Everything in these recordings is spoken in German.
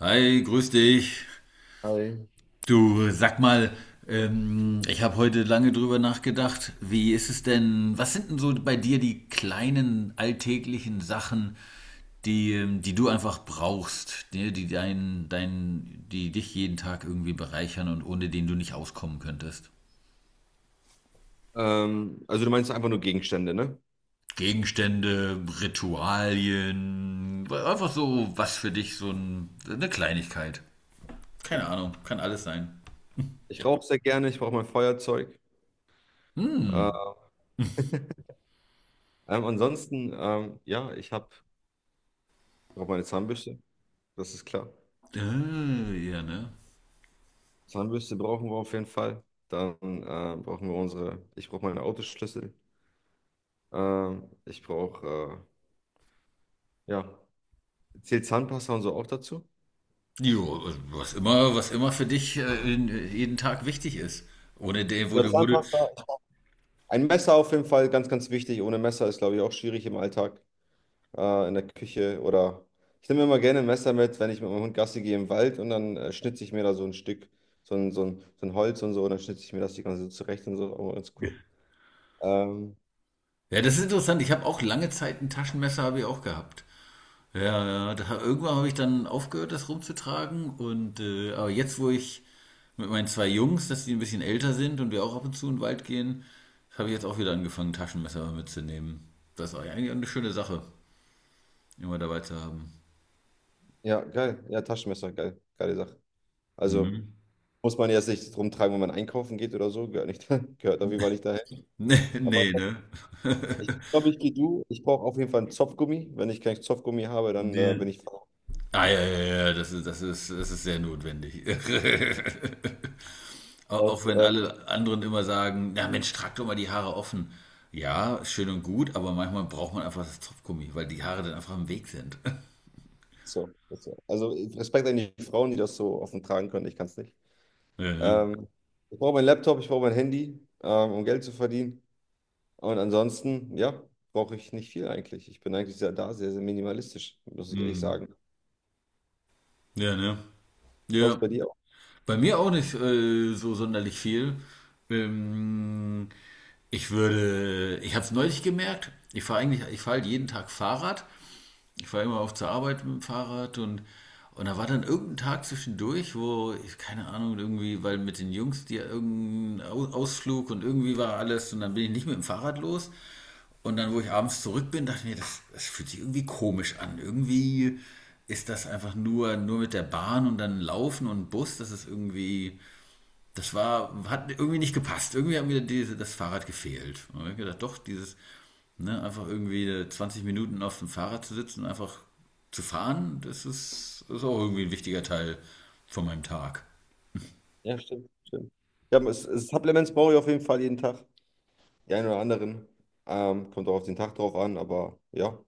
Hi, grüß dich. Hi. Du, sag mal, ich habe heute lange drüber nachgedacht. Wie ist es denn, was sind denn so bei dir die kleinen alltäglichen Sachen, die, die du einfach brauchst, die dich jeden Tag irgendwie bereichern und ohne den du nicht auskommen könntest? Also du meinst einfach nur Gegenstände, ne? Gegenstände, Ritualien, einfach so was für dich, eine Kleinigkeit. Keine Ahnung, kann alles sein. Ich rauche sehr gerne, ich brauche mein Feuerzeug. Hm, Äh, Ansonsten, ja, ich habe brauche meine Zahnbürste, das ist klar. Ja, ne? Zahnbürste brauchen wir auf jeden Fall. Dann brauchen wir unsere, ich brauche meine Autoschlüssel. Ich brauche, ja, zählt Zahnpasta und so auch dazu? Jo, was immer für dich jeden Tag wichtig ist. Ohne den, wo Ja, du, wo du. Zahnpasta. Ein Messer auf jeden Fall, ganz, ganz wichtig. Ohne Messer ist, glaube ich, auch schwierig im Alltag. In der Küche, oder ich nehme immer gerne ein Messer mit, wenn ich mit meinem Hund Gassi gehe im Wald, und dann schnitze ich mir da so ein Stück, so ein Holz und so, und dann schnitze ich mir das die ganze Zeit zurecht und so, aber ganz cool. Ähm, Ja, das ist interessant. Ich habe auch lange Zeit ein Taschenmesser habe ich auch gehabt. Ja, ja, da, irgendwann habe ich dann aufgehört, das rumzutragen. Und aber jetzt, wo ich mit meinen zwei Jungs, dass die ein bisschen älter sind und wir auch ab und zu in den Wald gehen, habe ich jetzt auch wieder angefangen, Taschenmesser mitzunehmen. Das ist eigentlich eine schöne Sache, immer dabei zu haben. ja, geil. Ja, Taschenmesser, geil. Geile Sache. Also Mhm. muss man jetzt nicht rumtragen, wenn man einkaufen geht oder so, gehört nicht, gehört auf jeden Fall nicht dahin. Nee, Aber nee, ne? ich glaube, ich gehe du. Ich brauche auf jeden Fall einen Zopfgummi. Wenn ich keinen Zopfgummi habe, dann Nee. bin ich faul. Ah, ja, ja, ja, das ist sehr notwendig. Auch Das, wenn alle anderen immer sagen, na Mensch, trag doch mal die Haare offen. Ja, ist schön und gut, aber manchmal braucht man einfach das Zopfgummi, weil die Haare dann einfach im Weg sind. so, das, so. Also Respekt an die Frauen, die das so offen tragen können. Ich kann es nicht. Ja, ne? Ähm, Ich brauche meinen Laptop, ich brauche mein Handy, um Geld zu verdienen. Und ansonsten, ja, brauche ich nicht viel eigentlich. Ich bin eigentlich sehr, sehr minimalistisch, muss ich ehrlich Mhm. sagen. Ja, ne? Das war es Ja. bei dir auch. Bei mir auch nicht so sonderlich viel. Ähm, ich habe es neulich gemerkt, ich fahre halt jeden Tag Fahrrad. Ich fahre immer auf zur Arbeit mit dem Fahrrad und da war dann irgendein Tag zwischendurch, wo, ich, keine Ahnung, irgendwie, weil mit den Jungs die irgendein Ausflug und irgendwie war alles und dann bin ich nicht mit dem Fahrrad los. Und dann, wo ich abends zurück bin, dachte ich mir, das fühlt sich irgendwie komisch an. Irgendwie ist das einfach nur mit der Bahn und dann Laufen und Bus, das ist irgendwie das war, hat irgendwie nicht gepasst. Irgendwie hat mir das Fahrrad gefehlt. Und ich hab gedacht, doch, dieses, ne, einfach irgendwie 20 Minuten auf dem Fahrrad zu sitzen und einfach zu fahren, das ist auch irgendwie ein wichtiger Teil von meinem Tag. Ja, stimmt, stimmt. Ja, Supplements brauche ich auf jeden Fall jeden Tag. Die einen oder anderen. Kommt auch auf den Tag drauf an, aber ja,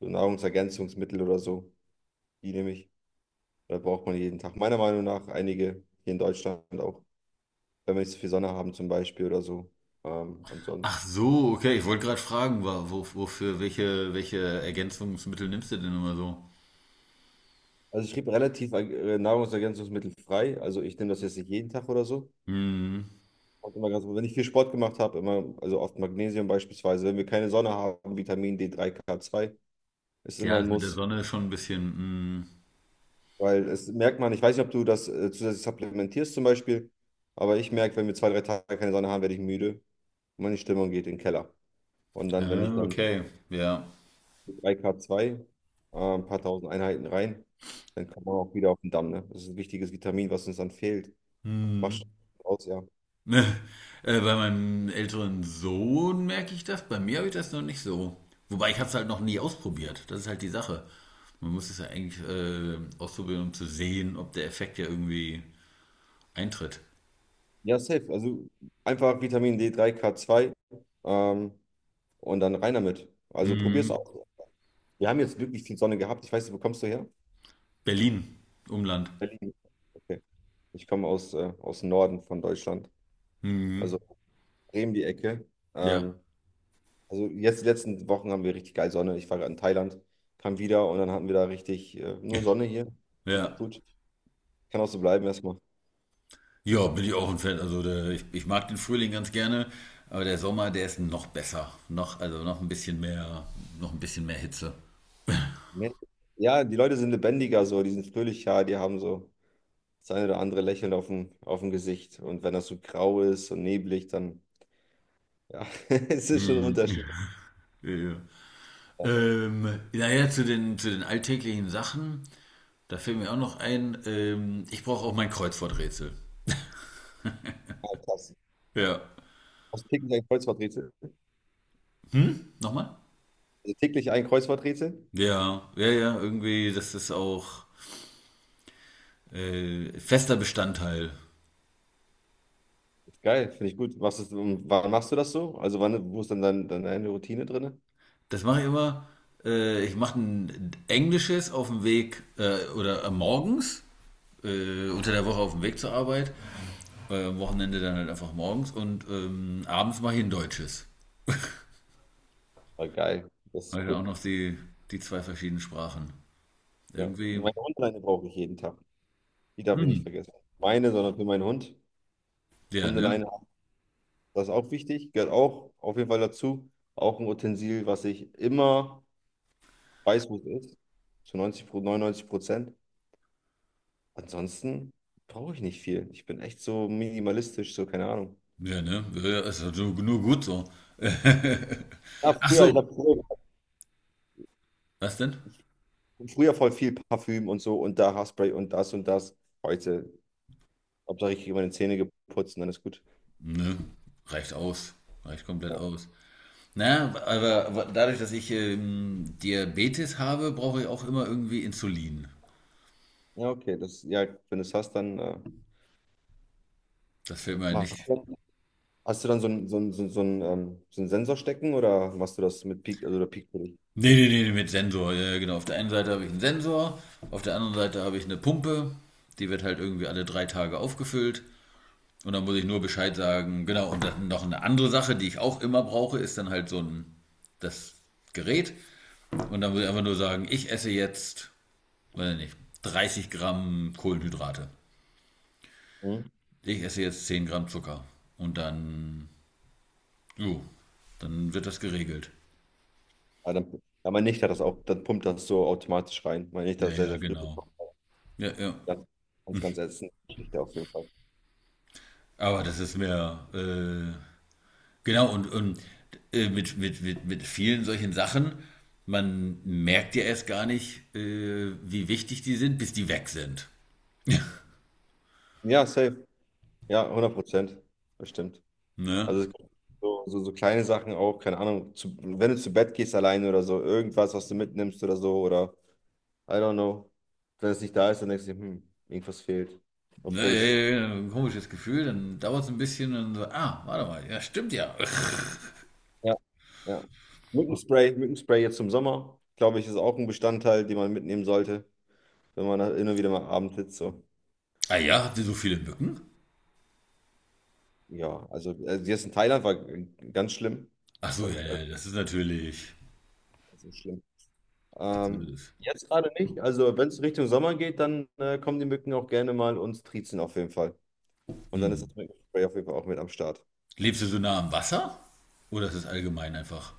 so Nahrungsergänzungsmittel oder so, die nehme ich. Da braucht man jeden Tag. Meiner Meinung nach einige hier in Deutschland auch, wenn wir nicht so viel Sonne haben zum Beispiel oder so. Ach Ansonsten. so, okay, ich wollte gerade fragen, wo, wofür, welche Ergänzungsmittel nimmst du denn immer so? Also ich schrieb relativ nahrungsergänzungsmittelfrei. Also ich nehme das jetzt nicht jeden Tag oder so. Hm, Kommt immer ganz, wenn ich viel Sport gemacht habe, immer, also oft Magnesium beispielsweise. Wenn wir keine Sonne haben, Vitamin D3, K2 ist immer ja, ein das mit der Muss. Sonne ist schon ein bisschen, hm, Weil, es merkt man, ich weiß nicht, ob du das zusätzlich supplementierst zum Beispiel, aber ich merke, wenn wir 2, 3 Tage keine Sonne haben, werde ich müde und meine Stimmung geht in den Keller. Und dann, wenn ich ah, dann okay, ja. 3K2, ein paar tausend Einheiten rein, dann kommt man auch wieder auf den Damm. Ne? Das ist ein wichtiges Vitamin, was uns dann fehlt. Macht Hm. schon aus, ja. Ne, bei meinem älteren Sohn merke ich das. Bei mir habe ich das noch nicht so. Wobei ich habe es halt noch nie ausprobiert. Das ist halt die Sache. Man muss es ja eigentlich ausprobieren, um zu sehen, ob der Effekt ja irgendwie eintritt. Ja, safe. Also einfach Vitamin D3, K2, ähm, und dann rein damit. Also probier's Mhm. aus. Wir haben jetzt wirklich viel Sonne gehabt. Ich weiß nicht, wo kommst du her? Berlin, Umland. Berlin. Okay. Ich komme aus, aus dem Norden von Deutschland, Mhm. also Bremen die Ecke. Ja. Ähm, also jetzt die letzten Wochen haben wir richtig geil Sonne. Ich war gerade in Thailand, kam wieder, und dann hatten wir da richtig nur Sonne hier. Richtig Ja. gut. Kann auch so bleiben erstmal. Ja, bin ich auch ein Fan. Also ich mag den Frühling ganz gerne, aber der Sommer, der ist noch besser. Also noch ein bisschen mehr, noch ein bisschen mehr Hitze. Ja, die Leute sind lebendiger so, die sind fröhlicher, die haben so das eine oder andere Lächeln auf dem, Gesicht. Und wenn das so grau ist und neblig, dann, ja, es ist schon ein Mhm. Unterschied. Ja. Ja, Naja, zu den alltäglichen Sachen, da fällt mir auch noch ein, ich brauche auch mein Kreuzworträtsel. ah, krass. Ja. Hast du täglich ein Kreuzworträtsel? Hm? Nochmal? Also täglich ein Kreuzworträtsel? Ja, ja, ja, irgendwie, das ist auch fester Bestandteil. Geil, finde ich gut. Machst du, und wann machst du das so? Also wann, wo ist dann deine Routine drin? Das mache ich immer, ich mache ein englisches auf dem Weg oder morgens, unter der Woche auf dem Weg zur Arbeit, am Wochenende dann halt einfach morgens und abends mache ich ein deutsches. Ah, geil, das Habe ich ist dann auch cool. noch die zwei verschiedenen Sprachen. Ja. Irgendwie, Meine Hundeleine brauche ich jeden Tag. Die darf ich nicht hm, vergessen. Meine, sondern für meinen Hund. ja, ne? Hundeleine, das ist auch wichtig, gehört auch auf jeden Fall dazu. Auch ein Utensil, was ich immer weiß, wo es ist, zu 99%. Ansonsten brauche ich nicht viel. Ich bin echt so minimalistisch, so keine Ahnung. Ja, ne? Ja, ist ja nur gut so. Ja, Ach früher, so, was denn? ich hab früher voll viel Parfüm und so, und da Haarspray und das und das. Heute, Hauptsache ich kriege meine Zähne geputzt und dann ist gut. Nö, reicht aus. Reicht komplett Ja, aus. Na, aber dadurch, dass ich Diabetes habe, brauche ich auch immer irgendwie Insulin. ja, okay, das, ja, wenn du es hast, dann Das fällt mir machst nicht. du, hast du dann so einen Sensor stecken, oder machst du das mit Peak, also der Peak für dich? Nee, nee, nee, mit Sensor. Ja, ja, genau. Auf der einen Seite habe ich einen Sensor, auf der anderen Seite habe ich eine Pumpe. Die wird halt irgendwie alle 3 Tage aufgefüllt. Und dann muss ich nur Bescheid sagen. Genau, und dann noch eine andere Sache, die ich auch immer brauche, ist dann halt so ein das Gerät. Und dann muss ich einfach nur sagen, ich esse jetzt, weiß nicht, 30 Gramm Kohlenhydrate. Hm? Ich esse jetzt 10 Gramm Zucker. Und dann, jo, dann wird das geregelt. Ah, dann, ja, meine Nichte hat das auch, dann pumpt das so automatisch rein. Meine Nichte Ja, hat das sehr, ja, sehr früh genau. bekommen. Ja, ja. Ganz, ganz, ganz ätzende Geschichte auf jeden Fall. Aber das ist mehr, genau, und mit vielen solchen Sachen, man merkt ja erst gar nicht, wie wichtig die sind, bis die weg sind. Ja, safe. Ja, 100%. Bestimmt. Ne? Also es gibt so kleine Sachen auch, keine Ahnung, zu, wenn du zu Bett gehst alleine oder so, irgendwas, was du mitnimmst oder so, oder I don't know. Wenn es nicht da ist, dann denkst dir, hm, irgendwas fehlt. Ne, Obwohl ja, es, ja, ja, ein komisches Gefühl, dann dauert es ein bisschen und so, ah, warte mal, ja, stimmt ja. ja, ja. Mückenspray, Mückenspray jetzt im Sommer, glaube ich, ist auch ein Bestandteil, den man mitnehmen sollte, wenn man da immer wieder mal abends sitzt. So. Ah ja, habt ihr so viele Mücken? Ja, also, jetzt in Thailand war ganz schlimm. Ach Das so, ja, hat, also, ja, das ist natürlich. so schlimm. Das ist, Jetzt gerade nicht. Also wenn es Richtung Sommer geht, dann kommen die Mücken auch gerne mal und triezen auf jeden Fall. Und dann hm. ist das Mückenspray auf jeden Fall auch mit am Start. Lebst du so nah am Wasser? Oder ist es allgemein einfach?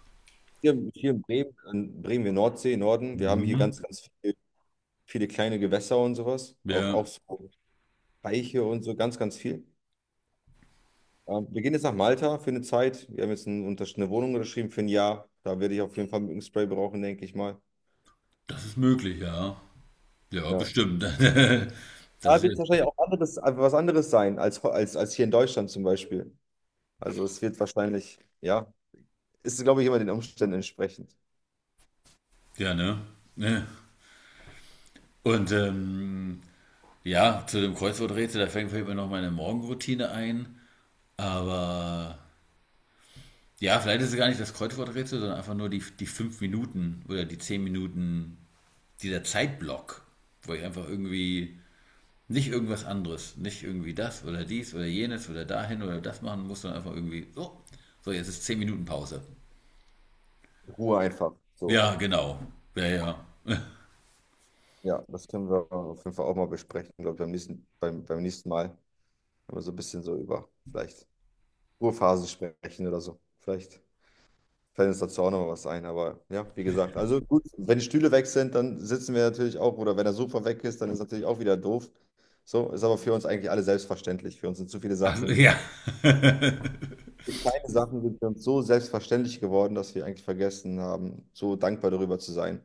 Hier in Bremen, wir Nordsee, Norden, wir haben hier Mhm. ganz, ganz viele kleine Gewässer und sowas. Ja, Auch so Teiche und so, ganz, ganz viel. Wir gehen jetzt nach Malta für eine Zeit. Wir haben jetzt eine Wohnung unterschrieben für ein Jahr. Da werde ich auf jeden Fall Mückenspray brauchen, denke ich mal. das ist möglich, ja. Ja, Ja. bestimmt. Das Da ist wird es jetzt, wahrscheinlich auch anderes, was anderes sein als, hier in Deutschland zum Beispiel. Also es wird wahrscheinlich, ja, ist, glaube ich, immer den Umständen entsprechend. ja, ne? Ne. Und ja, zu dem Kreuzworträtsel, da fängt vielleicht mal noch meine Morgenroutine ein. Aber ja, vielleicht ist es gar nicht das Kreuzworträtsel, sondern einfach nur die 5 Minuten oder die 10 Minuten, dieser Zeitblock, wo ich einfach irgendwie nicht irgendwas anderes, nicht irgendwie das oder dies oder jenes oder dahin oder das machen muss, sondern einfach irgendwie, so jetzt ist 10 Minuten Pause. Ruhe einfach. So. Ja, genau. Ja, ja. Ja, das können wir auf jeden Fall auch mal besprechen, glaube ich, beim nächsten, beim nächsten Mal, wenn wir so ein bisschen so über vielleicht Ruhephasen sprechen oder so. Vielleicht fällt uns dazu auch noch mal was ein. Aber ja, wie gesagt, also gut, wenn die Stühle weg sind, dann sitzen wir natürlich auch, oder wenn der Sofa weg ist, dann ist natürlich auch wieder doof. So, ist aber für uns eigentlich alle selbstverständlich. Für uns sind zu viele Also, Sachen. ja. Die kleinen Sachen sind für uns so selbstverständlich geworden, dass wir eigentlich vergessen haben, so dankbar darüber zu sein.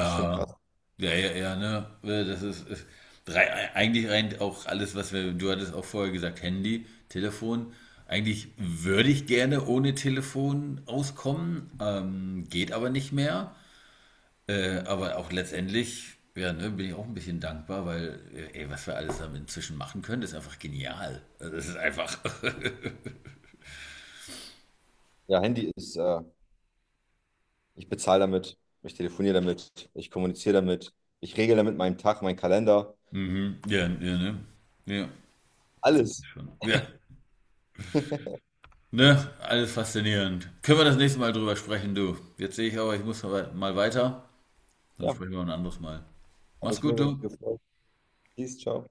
Ist schon krass. ja, ja, ja, ne? Das ist drei, eigentlich rein auch alles, du hattest auch vorher gesagt, Handy, Telefon. Eigentlich würde ich gerne ohne Telefon auskommen, geht aber nicht mehr. Mhm. Aber auch letztendlich, ja, ne, bin ich auch ein bisschen dankbar, weil, ey, was wir alles damit inzwischen machen können, ist einfach genial. Also, das ist einfach. Ja, Handy ist, ich bezahle damit, ich telefoniere damit, ich kommuniziere damit, ich regle damit meinen Tag, meinen Kalender, Mhm, ja, ja, ne? Ja, das ist alles. schon. Ja. Ne, alles faszinierend. Können wir das nächste Mal drüber sprechen, du? Jetzt sehe ich aber, ich muss mal weiter. Dann Ja, hat sprechen wir ein anderes Mal. Mach's mich gut, mega du. gefreut. Peace, ciao.